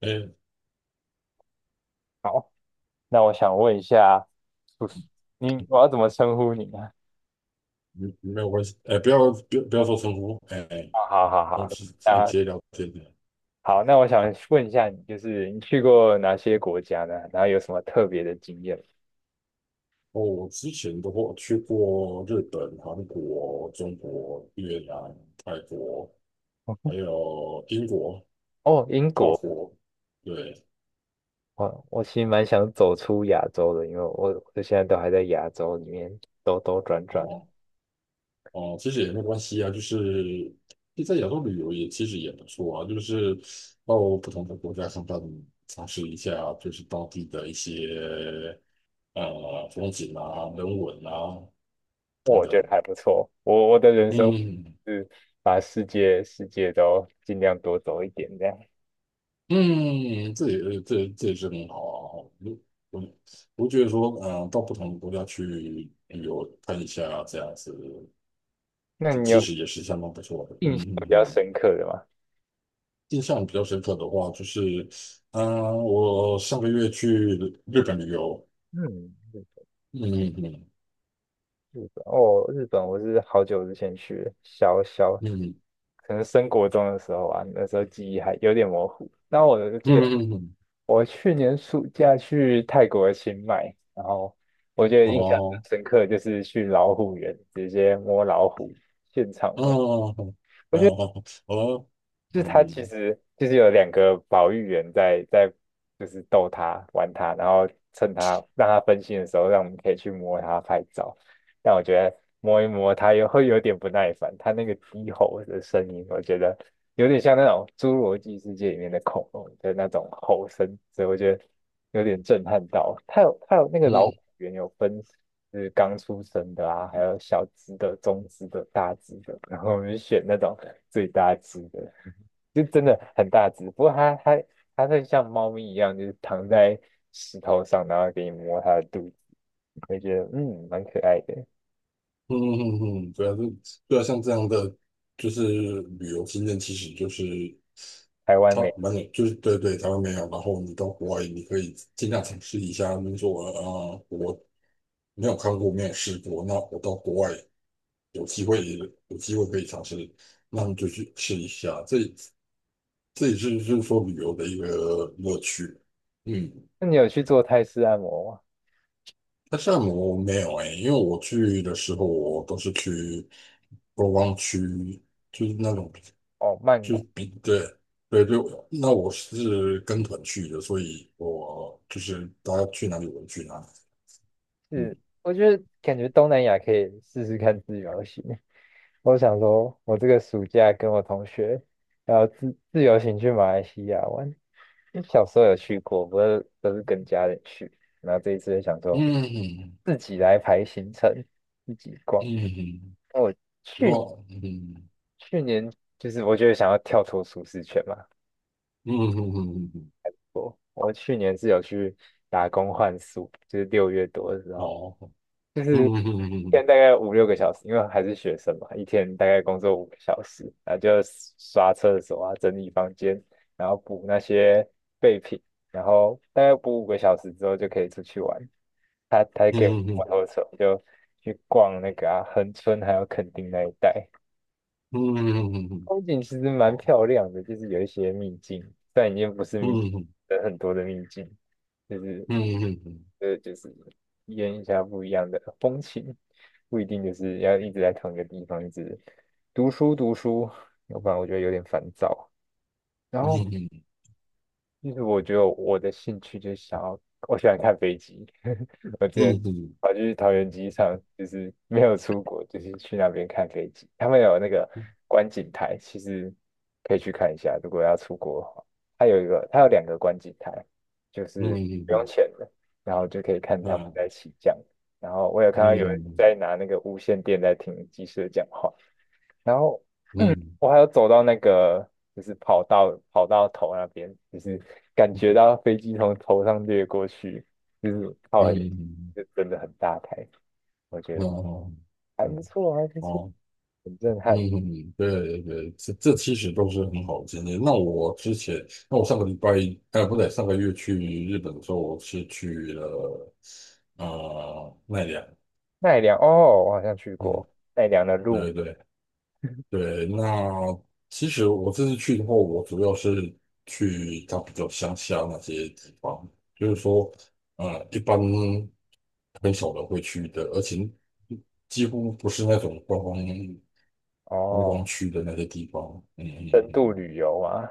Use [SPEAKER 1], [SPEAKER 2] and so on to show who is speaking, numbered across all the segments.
[SPEAKER 1] 哎，
[SPEAKER 2] 好，那我想问一下，不是你，我要怎么称呼你呢？
[SPEAKER 1] 没没有关系，哎，不要说称呼，哎，
[SPEAKER 2] 好好好好，
[SPEAKER 1] 我们直哎
[SPEAKER 2] 啊，
[SPEAKER 1] 直接聊天的。
[SPEAKER 2] 好，那我想问一下你，就是你去过哪些国家呢？然后有什么特别的经验？
[SPEAKER 1] 哦，我之前的话去过日本、韩国、中国、越南、泰国，还 有英国、
[SPEAKER 2] 哦，英
[SPEAKER 1] 法
[SPEAKER 2] 国，
[SPEAKER 1] 国，对，
[SPEAKER 2] 我其实蛮想走出亚洲的，因为我现在都还在亚洲里面兜兜转转，
[SPEAKER 1] 哦哦，其实也没关系啊，就是在亚洲旅游也其实也不错啊，就是到不同的国家看看，尝试一下就是当地的一些风景啊、人文啊。等
[SPEAKER 2] 我
[SPEAKER 1] 等，
[SPEAKER 2] 觉得还不错。我的人生
[SPEAKER 1] 嗯
[SPEAKER 2] 是把世界都尽量多走一点这样。
[SPEAKER 1] 嗯，这也是很好啊。我我觉得说，嗯，到不同的国家去旅游看一下这样子，
[SPEAKER 2] 那你
[SPEAKER 1] 其
[SPEAKER 2] 有
[SPEAKER 1] 实也是相当不错的。
[SPEAKER 2] 印象
[SPEAKER 1] 嗯
[SPEAKER 2] 比
[SPEAKER 1] 嗯
[SPEAKER 2] 较
[SPEAKER 1] 嗯，
[SPEAKER 2] 深刻的吗？
[SPEAKER 1] 印象比较深刻的话，就是，嗯，我上个月去日本旅游。
[SPEAKER 2] 嗯，
[SPEAKER 1] 嗯嗯
[SPEAKER 2] 日本哦，日本我是好久之前去的，小小
[SPEAKER 1] 嗯
[SPEAKER 2] 可能升国中的时候啊，那时候记忆还有点模糊。那我记
[SPEAKER 1] 嗯
[SPEAKER 2] 得
[SPEAKER 1] 嗯嗯，
[SPEAKER 2] 我去年暑假去泰国的清迈，然后我觉得印象
[SPEAKER 1] 哦，
[SPEAKER 2] 很深刻就是去老虎园，直接摸老虎，现场。摸。
[SPEAKER 1] 哦哦，哦，
[SPEAKER 2] 就
[SPEAKER 1] 嗯
[SPEAKER 2] 是他其
[SPEAKER 1] 嗯
[SPEAKER 2] 实就是有2个保育员在就是逗他玩他，然后趁他让他分心的时候，让我们可以去摸他拍照。但我觉得摸一摸他也会有点不耐烦，他那个低吼的声音，我觉得有点像那种侏罗纪世界里面的恐龙的那种吼声，所以我觉得有点震撼到。他有那个老虎
[SPEAKER 1] 嗯
[SPEAKER 2] 园有分。就是刚出生的啊，还有小只的、中只的、大只的，然后我们就选那种最大只的，就真的很大只。不过它会像猫咪一样，就是躺在石头上，然后给你摸它的肚子，会觉得嗯蛮可爱的。
[SPEAKER 1] 嗯嗯嗯，嗯对啊，对啊，像这样的就是旅游经验，其实就是
[SPEAKER 2] 台湾
[SPEAKER 1] 它
[SPEAKER 2] 没有，
[SPEAKER 1] 蛮有，就是对对，台湾没有，然后你到国外，你可以尽量尝试一下。你说啊、我没有看过，没有试过，那我到国外有机会，有机会可以尝试，那你就去试一下。这这也是就是说旅游的一个乐趣。嗯，
[SPEAKER 2] 那你有去做泰式按摩吗？
[SPEAKER 1] 但是按摩没有哎、因为我去的时候，我都是去观光区，就是那种。
[SPEAKER 2] 哦，曼谷是，我觉得感觉东南亚可以试试看自由行。我想说，我这个暑假跟我同学要自由行去马来西亚玩。因为小时候有去过，不是都是跟家人去，然后这一次就想说趁自己逛。去去年就是我觉得想要跳脱舒适圈嘛，我去年是有去打工换宿，就是6月多的时候，一天大概五六个小时，因为还是学生嘛，一天大概工作五个小时，然后就刷厕所啊，整理房间，然后补那些备品，然后大概补五个小时之后就可以出去玩。他他给我摩托车，就去逛那个啊，恒春还有垦丁那一带，风景其实蛮漂亮的，就是有一些秘境，但已经不是秘，很多的秘境，就是就是体验一下不一样的风情，不一定就是要一直在同一个地方，一直读书读书，要不然我觉得有点烦躁。然后其实我觉得我的兴趣就是想要，我喜欢看飞机。我之前跑去桃园机场，就是没有出国，就是去那边看飞机。他们有那个观景台，其实可以去看一下。如果要出国的话，它有一个，它有2个观景台，就是不用钱的，然后就可以看他们在起降。然后我有看到有人在拿那个无线电在听机师讲话。然后。我还有走到那个就是跑道头那边，就是感觉到飞机从头上掠过去，就是靠很，就真的很大台，我觉得还不错，还不错，很震撼。
[SPEAKER 1] 嗯，对对对，这这其实都是很好的经验。那我之前，那我上个礼拜，呃，不对，上个月去日本的时候，我是去了奈良。
[SPEAKER 2] 奈良哦，我好像去
[SPEAKER 1] 嗯，
[SPEAKER 2] 过奈良的鹿
[SPEAKER 1] 对对对，那其实我这次去的话，我主要是去它比较乡下那些地方，就是说，一般很少人会去的，而且几乎不是那种观
[SPEAKER 2] 哦，
[SPEAKER 1] 光区的那些地方。嗯嗯
[SPEAKER 2] 深
[SPEAKER 1] 嗯。
[SPEAKER 2] 度旅游啊，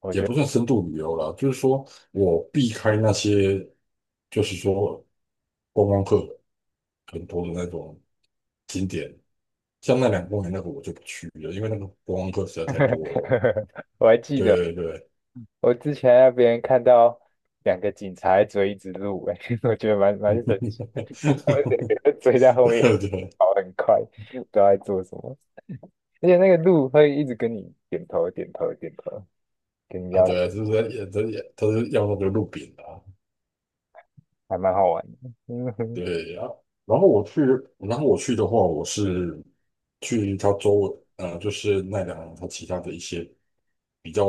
[SPEAKER 2] 我
[SPEAKER 1] 也
[SPEAKER 2] 觉
[SPEAKER 1] 不
[SPEAKER 2] 得
[SPEAKER 1] 算深度旅游啦，就是说我避开那些，就是说观光客很多的那种景点，像那两个公园那个我就不去了，因为那个观光客实在太多了。
[SPEAKER 2] 我还记得。
[SPEAKER 1] 对对
[SPEAKER 2] 我之前让别人看到两个警察在追一只鹿、哎，我觉得蛮
[SPEAKER 1] 对，
[SPEAKER 2] 神 奇的，他们两个在追在后面
[SPEAKER 1] 对对
[SPEAKER 2] 跑很快，不知道在做什么，而且那个鹿会一直跟你点头点头点头，跟你
[SPEAKER 1] 啊，
[SPEAKER 2] 要
[SPEAKER 1] 对啊，就是在也在也他是要那个路饼啊，
[SPEAKER 2] 还蛮好玩的。嗯哼，
[SPEAKER 1] 对啊。然后我去，然后我去的话，我是去他周围，呃，就是奈良他其他的一些比较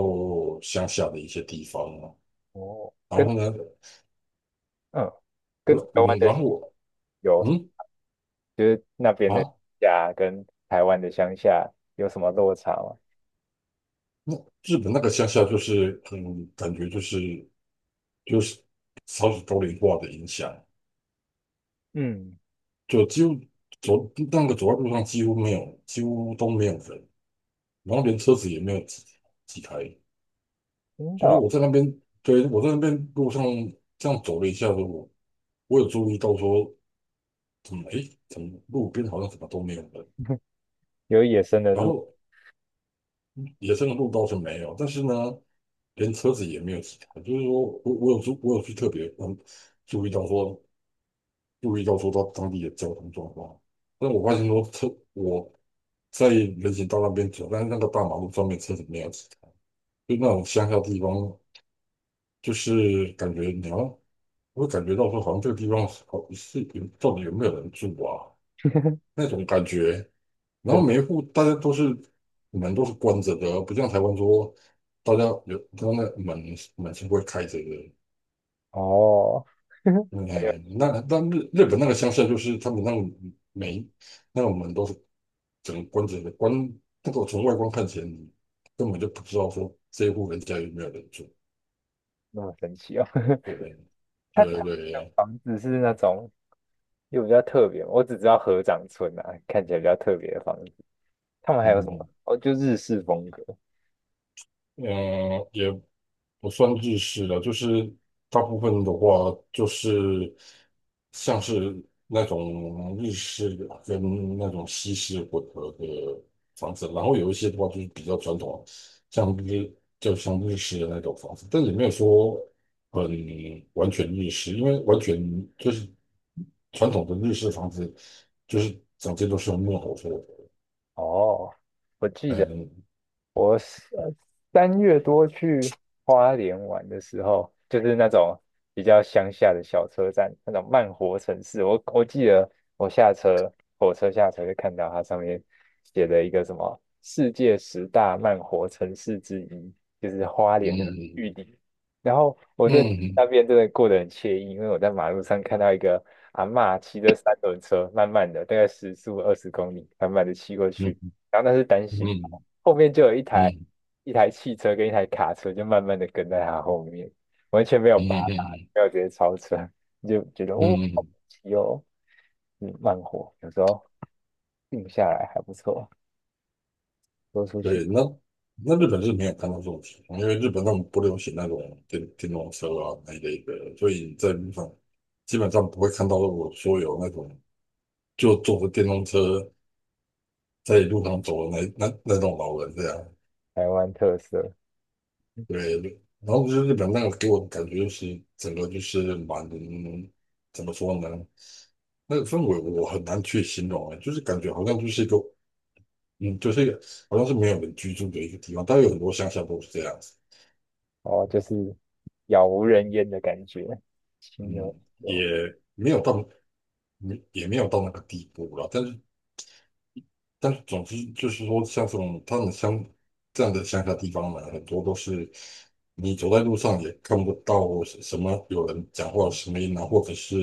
[SPEAKER 1] 乡下的一些地方，
[SPEAKER 2] 哦，
[SPEAKER 1] 然
[SPEAKER 2] 跟
[SPEAKER 1] 后呢，
[SPEAKER 2] 嗯
[SPEAKER 1] 我
[SPEAKER 2] 跟台湾
[SPEAKER 1] 嗯，
[SPEAKER 2] 的
[SPEAKER 1] 然后我
[SPEAKER 2] 有什么？
[SPEAKER 1] 嗯
[SPEAKER 2] 就是那边的
[SPEAKER 1] 啊，
[SPEAKER 2] 家跟台湾的乡下有什么落差吗？
[SPEAKER 1] 那日本那个乡下就是很感觉就是少子高龄化的影响，
[SPEAKER 2] 嗯，
[SPEAKER 1] 就几乎走那个走在路上几乎没有，几乎都没有人，然后连车子也没有几台。
[SPEAKER 2] 真
[SPEAKER 1] 就是
[SPEAKER 2] 的
[SPEAKER 1] 我在那边，对，我在那边路上这样走了一下子，我有注意到说，诶，怎么路边好像怎么都没有人，
[SPEAKER 2] 哦 有野生的
[SPEAKER 1] 然
[SPEAKER 2] 鹿，
[SPEAKER 1] 后野生的鹿倒是没有，但是呢，连车子也没有其他。就是说我我有去特别嗯注意到说注意到说到当地的交通状况，但我发现说我在人行道那边走，但是那个大马路上面车子没有其他，就那种乡下地方，就是感觉你要我会感觉到说好像这个地方好是有到底有没有人住啊 那种感觉。然后
[SPEAKER 2] 很
[SPEAKER 1] 每一户大家都是门都是关着的哦，不像台湾说大家有他门是会开着的。
[SPEAKER 2] 哦，很有
[SPEAKER 1] 哎，那
[SPEAKER 2] 趣。
[SPEAKER 1] 那日本那个乡下就是他们那个每那个门都是整个关着的，那个从外观看起来你根本就不知道说这一户人家有没有人住。
[SPEAKER 2] 那么神奇哦。
[SPEAKER 1] 对
[SPEAKER 2] 它它
[SPEAKER 1] 对
[SPEAKER 2] 的
[SPEAKER 1] 对，
[SPEAKER 2] 房子是那种又比较特别，我只知道合掌村啊，看起来比较特别的房子。他们还有什
[SPEAKER 1] 嗯
[SPEAKER 2] 么？哦，就日式风格。
[SPEAKER 1] 嗯，呃，也不算日式的，就是大部分的话就是像是那种日式跟那种西式混合的房子，然后有一些的话就是比较传统，像日就像日式的那种房子，但也没有说很完全日式，因为完全就是传统的日式房子就是整间都是用木头做的，
[SPEAKER 2] 哦，我记
[SPEAKER 1] 哎，
[SPEAKER 2] 得。
[SPEAKER 1] 嗯
[SPEAKER 2] 我是3月多去花莲玩的时候，就是那种比较乡下的小车站，那种慢活城市。我我记得我下车，火车下车就看到它上面写的一个什么世界十大慢活城市之一，就是花莲的
[SPEAKER 1] 嗯
[SPEAKER 2] 玉里。然后我在
[SPEAKER 1] 嗯
[SPEAKER 2] 那边真的过得很惬意，因为我在马路上看到一个阿嬷骑着三轮车，慢慢的，大概时速20公里，慢慢的骑过
[SPEAKER 1] 嗯
[SPEAKER 2] 去。然后那是单行
[SPEAKER 1] 嗯
[SPEAKER 2] 道，后面就有一台
[SPEAKER 1] 嗯
[SPEAKER 2] 一台汽车跟一台卡车，就慢慢的跟在他后面，完全没有
[SPEAKER 1] 嗯
[SPEAKER 2] 拔
[SPEAKER 1] 嗯嗯
[SPEAKER 2] 他，
[SPEAKER 1] 嗯
[SPEAKER 2] 没有直接超车，你就觉得哦，
[SPEAKER 1] 嗯
[SPEAKER 2] 好
[SPEAKER 1] 嗯。
[SPEAKER 2] 神奇哦，嗯，慢火，有时候定下来还不错，说出去
[SPEAKER 1] 对，那日本是没有看到这种情况，因为日本他们不流行那种电动车啊那一类的，所以在路上基本上不会看到我说有那种就坐着电动车在路上走的那那种老人这样。
[SPEAKER 2] 台湾特色
[SPEAKER 1] 对，然后就是日本那个给我的感觉就是整个就是蛮怎么说呢？那个氛围我很难去形容啊，就是感觉好像就是一个嗯，就是一个好像是没有人居住的一个地方，但有很多乡下都是这样子。
[SPEAKER 2] 哦，就是杳无人烟的感觉，清幽
[SPEAKER 1] 嗯，
[SPEAKER 2] 有
[SPEAKER 1] 也没有到，没也没有到那个地步了。但是，总之就是说，像这种他们乡这样的乡下地方呢，很多都是你走在路上也看不到什么有人讲话的声音啊，或者是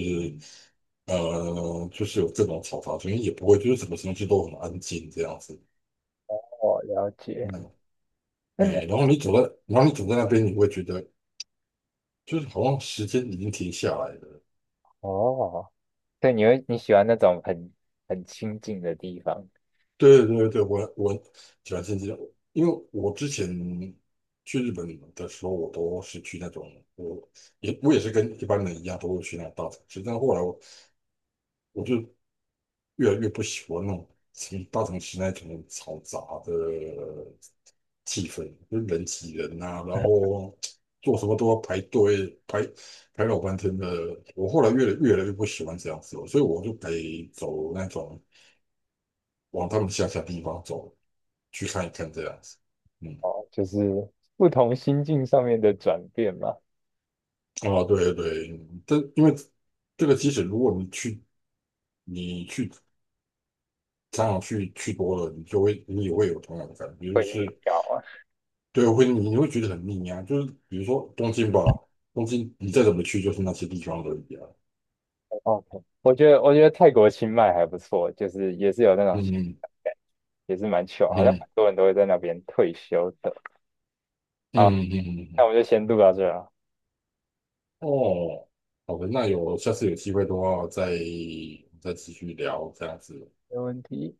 [SPEAKER 1] 就是有这种嘈杂声音，也不会，就是什么东西都很安静这样子。
[SPEAKER 2] 哦，了解，
[SPEAKER 1] 嗯，
[SPEAKER 2] 嗯，
[SPEAKER 1] 哎，然后你走在那边，你会觉得就是好像时间已经停下来了。
[SPEAKER 2] 哦，对，你会你喜欢那种很很清静的地方
[SPEAKER 1] 对对对，我我喜欢新西兰，因为我之前去日本的时候，我都是去那种，我我也是跟一般人一样，都会去那种大城市。但后来我就越来越不喜欢那种大城市那种嘈杂的气氛，就是人挤人啊，然后做什么都要排队排排老半天的。我后来越来越不喜欢这样子了，所以我就得走那种往他们乡下地方走。去看一看这样子。嗯，
[SPEAKER 2] 哦，就是不同心境上面的转变嘛。
[SPEAKER 1] 啊，对对，这因为这个即使如果你去你去常常去多了，你也会有同样的感觉，就
[SPEAKER 2] 会腻
[SPEAKER 1] 是
[SPEAKER 2] 掉啊。
[SPEAKER 1] 对，你会觉得很腻啊。就是比如说东京吧，东京你再怎么去就是那些地方而已啊。
[SPEAKER 2] OK，我觉得我觉得泰国清迈还不错，就是也是有那种
[SPEAKER 1] 嗯嗯
[SPEAKER 2] 也是蛮 c 好像
[SPEAKER 1] 嗯
[SPEAKER 2] 很多人都会在那边退休的。
[SPEAKER 1] 嗯
[SPEAKER 2] 好，
[SPEAKER 1] 嗯嗯，
[SPEAKER 2] 那我
[SPEAKER 1] 嗯
[SPEAKER 2] 们就先录到这了。
[SPEAKER 1] 哦，好的，那有下次有机会的话再继续聊这样子。
[SPEAKER 2] 没问题。